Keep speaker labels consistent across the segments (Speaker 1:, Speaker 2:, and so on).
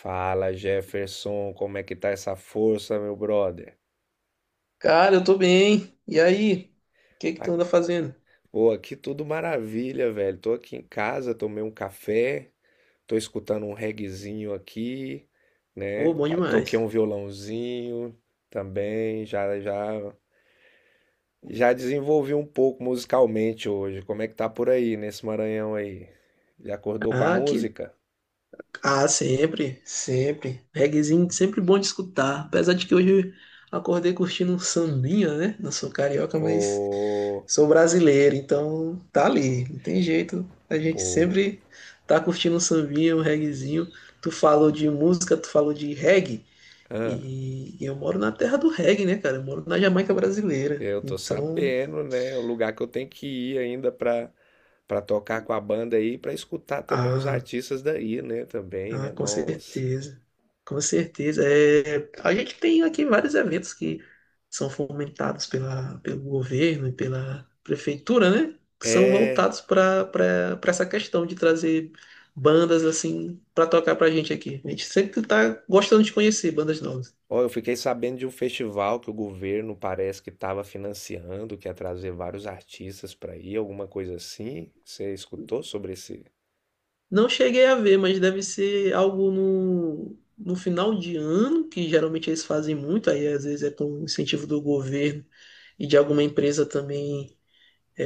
Speaker 1: Fala, Jefferson, como é que tá essa força, meu brother?
Speaker 2: Cara, eu tô bem. E aí? O que que
Speaker 1: Ah,
Speaker 2: tu anda fazendo?
Speaker 1: Pô, aqui tudo maravilha, velho. Tô aqui em casa, tomei um café, tô escutando um reguezinho aqui, né?
Speaker 2: Pô, bom
Speaker 1: Toquei
Speaker 2: demais.
Speaker 1: um violãozinho também, já já já desenvolvi um pouco musicalmente hoje. Como é que tá por aí nesse Maranhão aí? Já acordou com a
Speaker 2: Ah, que...
Speaker 1: música?
Speaker 2: Ah, sempre, sempre. Reguezinho, sempre bom de escutar. Apesar de que hoje eu acordei curtindo um sambinha, né? Não sou carioca, mas
Speaker 1: Ô,
Speaker 2: sou brasileiro, então tá ali. Não tem jeito. A gente
Speaker 1: pô,
Speaker 2: sempre tá curtindo um sambinha, um reguezinho. Tu falou de música, tu falou de reggae.
Speaker 1: hã?
Speaker 2: E eu moro na terra do reggae, né, cara? Eu moro na Jamaica brasileira.
Speaker 1: Eu tô
Speaker 2: Então,
Speaker 1: sabendo, né? O lugar que eu tenho que ir ainda pra para tocar com a banda aí, pra escutar também os
Speaker 2: ah.
Speaker 1: artistas daí, né? Também, né?
Speaker 2: Ah, com
Speaker 1: Nossa.
Speaker 2: certeza. Com certeza. É, a gente tem aqui vários eventos que são fomentados pelo governo e pela prefeitura, né? Que são
Speaker 1: É.
Speaker 2: voltados para essa questão de trazer bandas assim para tocar pra gente aqui. A gente sempre tá gostando de conhecer bandas novas.
Speaker 1: Ó, eu fiquei sabendo de um festival que o governo parece que estava financiando, que ia trazer vários artistas pra ir, alguma coisa assim. Você escutou sobre esse?
Speaker 2: Não cheguei a ver, mas deve ser algo no final de ano, que geralmente eles fazem muito, aí às vezes é com incentivo do governo e de alguma empresa também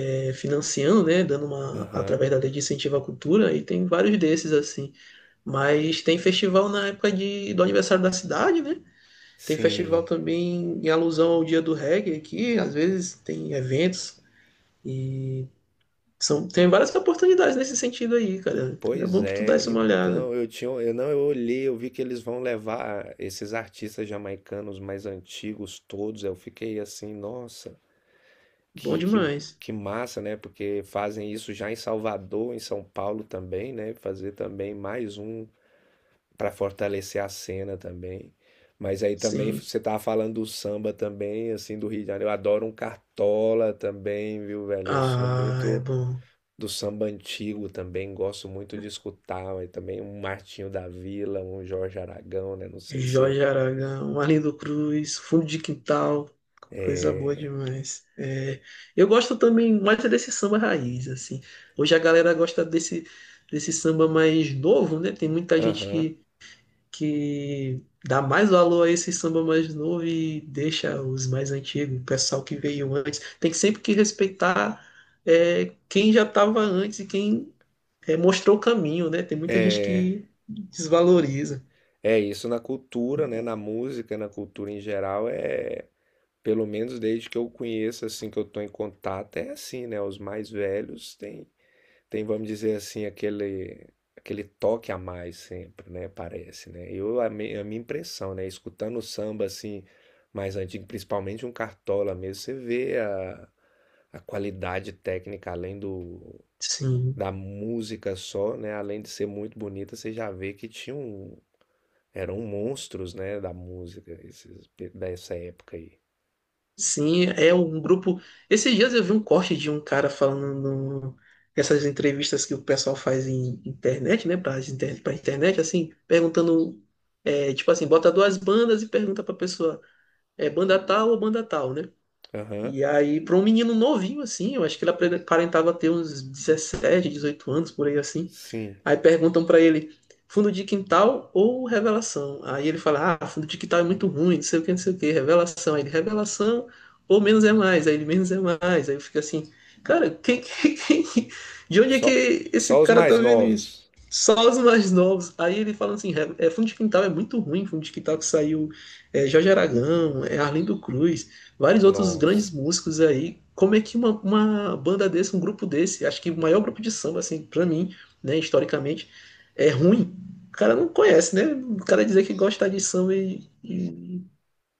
Speaker 2: financiando, né, dando uma
Speaker 1: Aham.
Speaker 2: através da lei de incentivo à cultura e tem vários desses assim. Mas tem festival na época do aniversário da cidade, né? Tem festival
Speaker 1: Sim.
Speaker 2: também em alusão ao Dia do Reggae aqui, às vezes tem eventos e tem várias oportunidades nesse sentido aí, cara. É
Speaker 1: Pois
Speaker 2: bom que tu
Speaker 1: é,
Speaker 2: desse uma olhada.
Speaker 1: então eu tinha, eu não, eu olhei, eu vi que eles vão levar esses artistas jamaicanos mais antigos todos. Eu fiquei assim, nossa,
Speaker 2: Bom
Speaker 1: que, que,
Speaker 2: demais.
Speaker 1: que massa, né? Porque fazem isso já em Salvador, em São Paulo também, né? Fazer também mais um para fortalecer a cena também. Mas aí também
Speaker 2: Sim.
Speaker 1: você tava falando do samba também, assim, do Rio de Janeiro. Eu adoro um cartola também, viu, velho? Eu sou
Speaker 2: Ah, é
Speaker 1: muito
Speaker 2: bom.
Speaker 1: do samba antigo também, gosto muito de escutar, mas também um Martinho da Vila, um Jorge Aragão, né? Não sei se.
Speaker 2: Jorge Aragão, Arlindo Cruz, Fundo de Quintal, coisa boa
Speaker 1: É.
Speaker 2: demais. É, eu gosto também mais é desse samba raiz, assim. Hoje a galera gosta desse samba mais novo, né? Tem muita gente
Speaker 1: Aham.
Speaker 2: que dá mais valor a esse samba mais novo e deixa os mais antigos, o pessoal que veio antes. Tem que sempre que respeitar quem já estava antes e quem mostrou o caminho, né? Tem muita gente
Speaker 1: É.
Speaker 2: que desvaloriza.
Speaker 1: É isso na cultura, né? Na música, na cultura em geral, é. Pelo menos desde que eu conheço, assim, que eu tô em contato, é assim, né? Os mais velhos vamos dizer assim, aquele toque a mais sempre, né? Parece, né? A minha impressão, né? Escutando o samba assim mais antigo, principalmente um Cartola mesmo, a qualidade técnica além do
Speaker 2: Sim.
Speaker 1: da música só, né? Além de ser muito bonita, você já vê que tinha um eram monstros, né, da música dessa época aí.
Speaker 2: Sim, é um grupo. Esses dias eu vi um corte de um cara falando no- nessas entrevistas que o pessoal faz em internet, né? Pra internet, assim, perguntando. É, tipo assim, bota duas bandas e pergunta pra pessoa: é banda tal ou banda tal, né?
Speaker 1: Aham.
Speaker 2: E aí, pra um menino novinho, assim, eu acho que aparentava ter uns 17 18 anos, por aí assim.
Speaker 1: Sim.
Speaker 2: Aí perguntam pra ele, fundo de quintal ou revelação? Aí ele fala, ah, fundo de quintal é muito ruim, não sei o que, não sei o que, revelação. Aí ele, revelação ou menos é mais? Aí ele, menos é mais. Aí eu fico assim, cara, quem, de onde é
Speaker 1: Só
Speaker 2: que esse
Speaker 1: só os
Speaker 2: cara tá
Speaker 1: mais
Speaker 2: vendo isso?
Speaker 1: novos.
Speaker 2: Só os mais novos. Aí ele fala assim, é, fundo de quintal é muito ruim, fundo de quintal que saiu Jorge Aragão, é Arlindo Cruz, vários outros grandes
Speaker 1: Nossa.
Speaker 2: músicos aí. Como é que uma banda desse, um grupo desse, acho que o maior grupo de samba, assim, pra mim, né, historicamente, é ruim, o cara não conhece, né? O cara dizer que gosta de samba e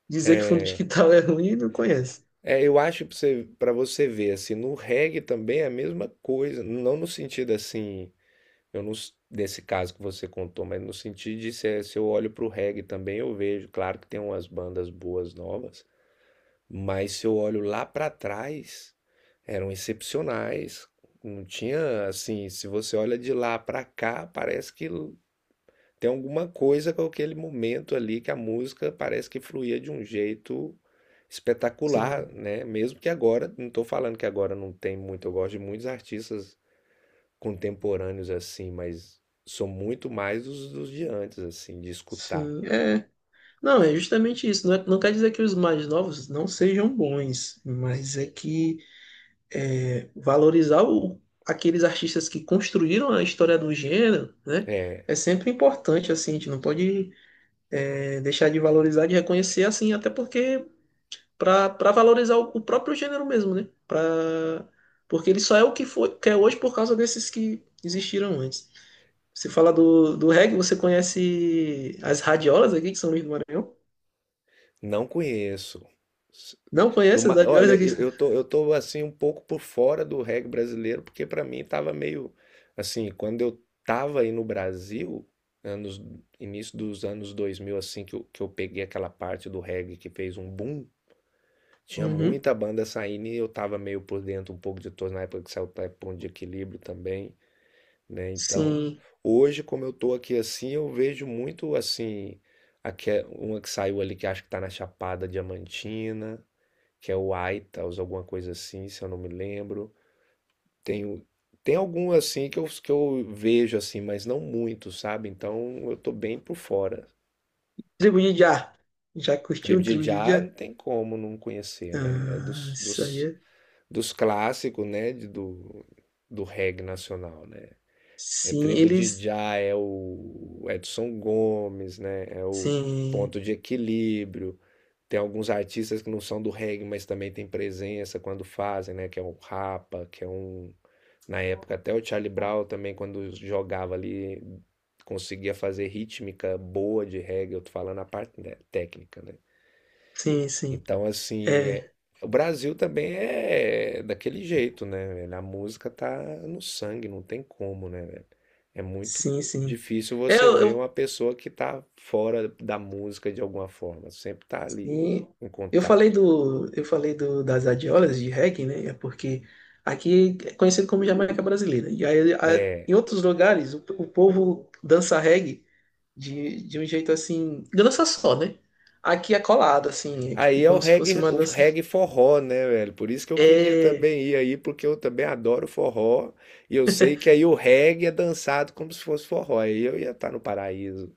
Speaker 2: dizer que fundo de
Speaker 1: É,
Speaker 2: quintal é ruim, não conhece.
Speaker 1: É, eu acho pra você ver, assim, no reggae também é a mesma coisa, não no sentido assim, eu não, s- nesse caso que você contou, mas no sentido de se eu olho para o reggae também eu vejo, claro que tem umas bandas boas novas, mas se eu olho lá para trás, eram excepcionais, não tinha, assim, se você olha de lá para cá, parece que tem alguma coisa com aquele momento ali que a música parece que fluía de um jeito espetacular,
Speaker 2: Sim,
Speaker 1: né? Mesmo que agora, não estou falando que agora não tem muito, eu gosto de muitos artistas contemporâneos assim, mas sou muito mais dos de antes, assim, de escutar.
Speaker 2: sim, é. Não, é justamente isso. Não quer dizer que os mais novos não sejam bons, mas é que valorizar aqueles artistas que construíram a história do gênero, né?
Speaker 1: É,
Speaker 2: É sempre importante, assim, a gente não pode deixar de valorizar, de reconhecer, assim, até porque para valorizar o próprio gênero mesmo, né? Pra, porque ele só é o que foi, que é hoje por causa desses que existiram antes. Você fala do reggae, você conhece as radiolas aqui que são Luís do Maranhão?
Speaker 1: não conheço.
Speaker 2: Não conhece as radiolas
Speaker 1: Olha,
Speaker 2: aqui?
Speaker 1: eu tô assim um pouco por fora do reggae brasileiro, porque pra mim tava meio assim, quando eu tava aí no Brasil, anos início dos anos 2000 assim que eu peguei aquela parte do reggae que fez um boom, tinha
Speaker 2: Uhum.
Speaker 1: muita banda saindo e eu tava meio por dentro um pouco de todos na época que saiu o Ponto de Equilíbrio também, né? Então,
Speaker 2: Sim.
Speaker 1: hoje como eu tô aqui assim, eu vejo muito assim, uma que saiu ali que acho que tá na Chapada Diamantina, que é o Itals, alguma coisa assim, se eu não me lembro. Tenho Tem algum assim que eu vejo assim, mas não muito, sabe? Então eu tô bem por fora.
Speaker 2: Tribo de Já. Já curtiu
Speaker 1: Trip
Speaker 2: o Tribo de
Speaker 1: já não
Speaker 2: Já?
Speaker 1: tem como não conhecer, né? É
Speaker 2: Ah, isso aí
Speaker 1: dos,
Speaker 2: é.
Speaker 1: dos clássicos, né? Do, do reggae nacional, né? É
Speaker 2: Sim,
Speaker 1: Tribo de
Speaker 2: eles.
Speaker 1: Já, é o Edson Gomes, né? É o
Speaker 2: Sim,
Speaker 1: Ponto de Equilíbrio. Tem alguns artistas que não são do reggae, mas também tem presença quando fazem, né? Que é um Rapa, que é um. Na época, até o Charlie Brown também, quando jogava ali, conseguia fazer rítmica boa de reggae. Eu tô falando a parte né, técnica, né?
Speaker 2: sim, sim.
Speaker 1: Então, assim,
Speaker 2: É,
Speaker 1: o Brasil também é daquele jeito, né, velho? A música tá no sangue, não tem como, né, velho? É muito
Speaker 2: sim, sim.
Speaker 1: difícil
Speaker 2: É,
Speaker 1: você
Speaker 2: eu,
Speaker 1: ver
Speaker 2: eu
Speaker 1: uma pessoa que tá fora da música de alguma forma, sempre tá ali
Speaker 2: e
Speaker 1: em
Speaker 2: Eu falei
Speaker 1: contato.
Speaker 2: eu falei das adiolas de reggae, né? É porque aqui é conhecido como Jamaica Brasileira. E aí, em
Speaker 1: É.
Speaker 2: outros lugares, o povo dança reggae de um jeito assim, dança só, né? Aqui é colado, assim, é tipo
Speaker 1: Aí é
Speaker 2: como se fosse uma
Speaker 1: o
Speaker 2: dança.
Speaker 1: reggae forró, né, velho? Por isso que eu queria
Speaker 2: É,
Speaker 1: também ir aí, porque eu também adoro forró. E eu sei que aí o reggae é dançado como se fosse forró. Aí eu ia estar no paraíso.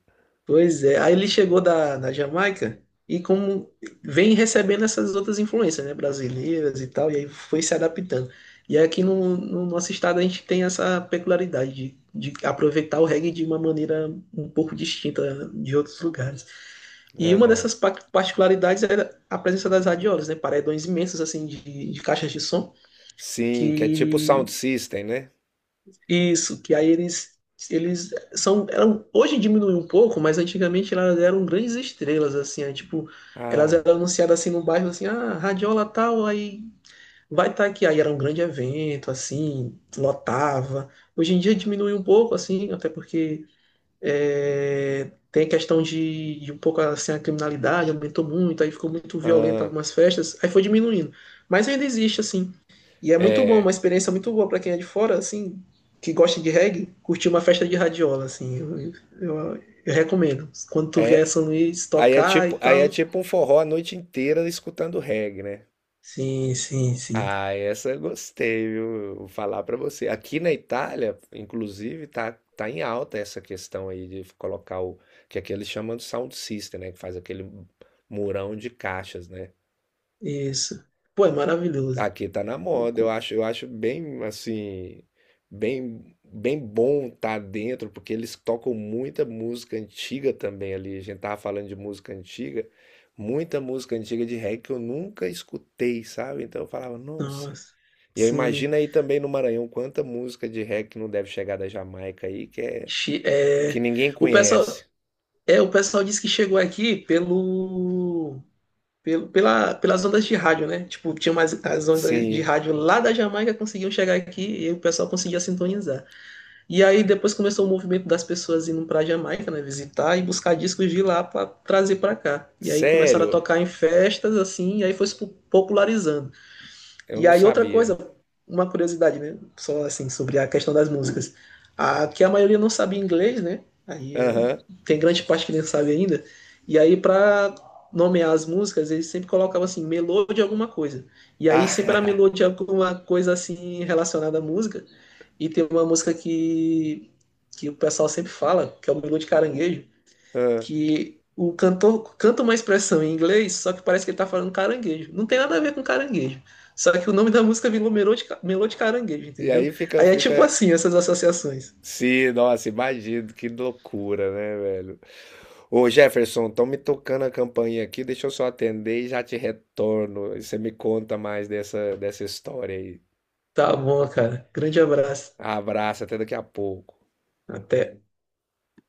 Speaker 2: pois é, aí ele chegou da Jamaica e como vem recebendo essas outras influências, né, brasileiras e tal, e aí foi se adaptando. E aqui no nosso estado a gente tem essa peculiaridade de aproveitar o reggae de uma maneira um pouco distinta de outros lugares. E uma
Speaker 1: Aham.
Speaker 2: dessas particularidades era a presença das radiolas, né, paredões imensos assim de caixas de som
Speaker 1: Sim, que é tipo
Speaker 2: que
Speaker 1: sound system, né?
Speaker 2: isso, que aí eles eles são eram hoje diminuiu um pouco, mas antigamente elas eram grandes estrelas assim, aí, tipo, elas
Speaker 1: Ah,
Speaker 2: eram anunciadas assim no bairro assim, ah, radiola tal, aí vai estar aqui, aí era um grande evento assim, lotava. Hoje em dia diminuiu um pouco assim, até porque tem a questão de um pouco assim a criminalidade aumentou muito, aí ficou muito violenta
Speaker 1: ah,
Speaker 2: algumas festas, aí foi diminuindo. Mas ainda existe assim. E é muito bom, uma
Speaker 1: é,
Speaker 2: experiência muito boa para quem é de fora, assim, que gosta de reggae, curtir uma festa de radiola, assim. Eu, eu recomendo. Quando tu vier a
Speaker 1: é,
Speaker 2: São Luís tocar e
Speaker 1: aí é
Speaker 2: tal.
Speaker 1: tipo um forró a noite inteira escutando reggae, né?
Speaker 2: Sim, sim, sim.
Speaker 1: Ah, essa eu gostei, viu? Vou falar pra você. Aqui na Itália, inclusive, tá em alta essa questão aí de colocar o que aqui eles chamam de sound system, né? Que faz aquele murão de caixas, né?
Speaker 2: Isso. Pô, é maravilhoso.
Speaker 1: Aqui tá na moda. Eu acho bem assim, bem bom tá dentro, porque eles tocam muita música antiga também ali. A gente tava falando de música antiga, muita música antiga de reggae que eu nunca escutei, sabe? Então eu falava, nossa.
Speaker 2: Nossa.
Speaker 1: E eu
Speaker 2: Sim.
Speaker 1: imagino aí também no Maranhão quanta música de reggae que não deve chegar da Jamaica aí, que é
Speaker 2: Chi-
Speaker 1: que
Speaker 2: É,
Speaker 1: ninguém
Speaker 2: o pessoal,
Speaker 1: conhece.
Speaker 2: é, o pessoal disse que chegou aqui pelo, pelas ondas de rádio, né? Tipo, tinha umas as ondas de
Speaker 1: Sim,
Speaker 2: rádio lá da Jamaica conseguiam chegar aqui e o pessoal conseguia sintonizar. E aí depois começou o movimento das pessoas indo para Jamaica, né, visitar e buscar discos de lá para trazer para cá. E aí começaram a
Speaker 1: sério,
Speaker 2: tocar em festas assim, e aí foi se popularizando.
Speaker 1: eu
Speaker 2: E
Speaker 1: não
Speaker 2: aí outra
Speaker 1: sabia.
Speaker 2: coisa, uma curiosidade, né? Só assim, sobre a questão das músicas. A, que a maioria não sabia inglês, né?
Speaker 1: Aham.
Speaker 2: Tem grande parte que nem sabe ainda. E aí para nomear as músicas, eles sempre colocavam assim, melô de alguma coisa. E aí sempre era
Speaker 1: Ah,
Speaker 2: melô de alguma coisa assim relacionada à música. E tem uma música que o pessoal sempre fala, que é o melô de caranguejo
Speaker 1: ah.
Speaker 2: que o cantor canta uma expressão em inglês, só que parece que ele tá falando caranguejo. Não tem nada a ver com caranguejo. Só que o nome da música virou Melô de Caranguejo,
Speaker 1: E
Speaker 2: entendeu?
Speaker 1: aí fica,
Speaker 2: Aí é tipo
Speaker 1: fica.
Speaker 2: assim, essas associações.
Speaker 1: Sim, nossa, imagino, que loucura, né, velho? Ô Jefferson, estão me tocando a campainha aqui, deixa eu só atender e já te retorno. E você me conta mais dessa história aí.
Speaker 2: Tá bom, cara. Grande abraço.
Speaker 1: Abraço, até daqui a pouco.
Speaker 2: Até.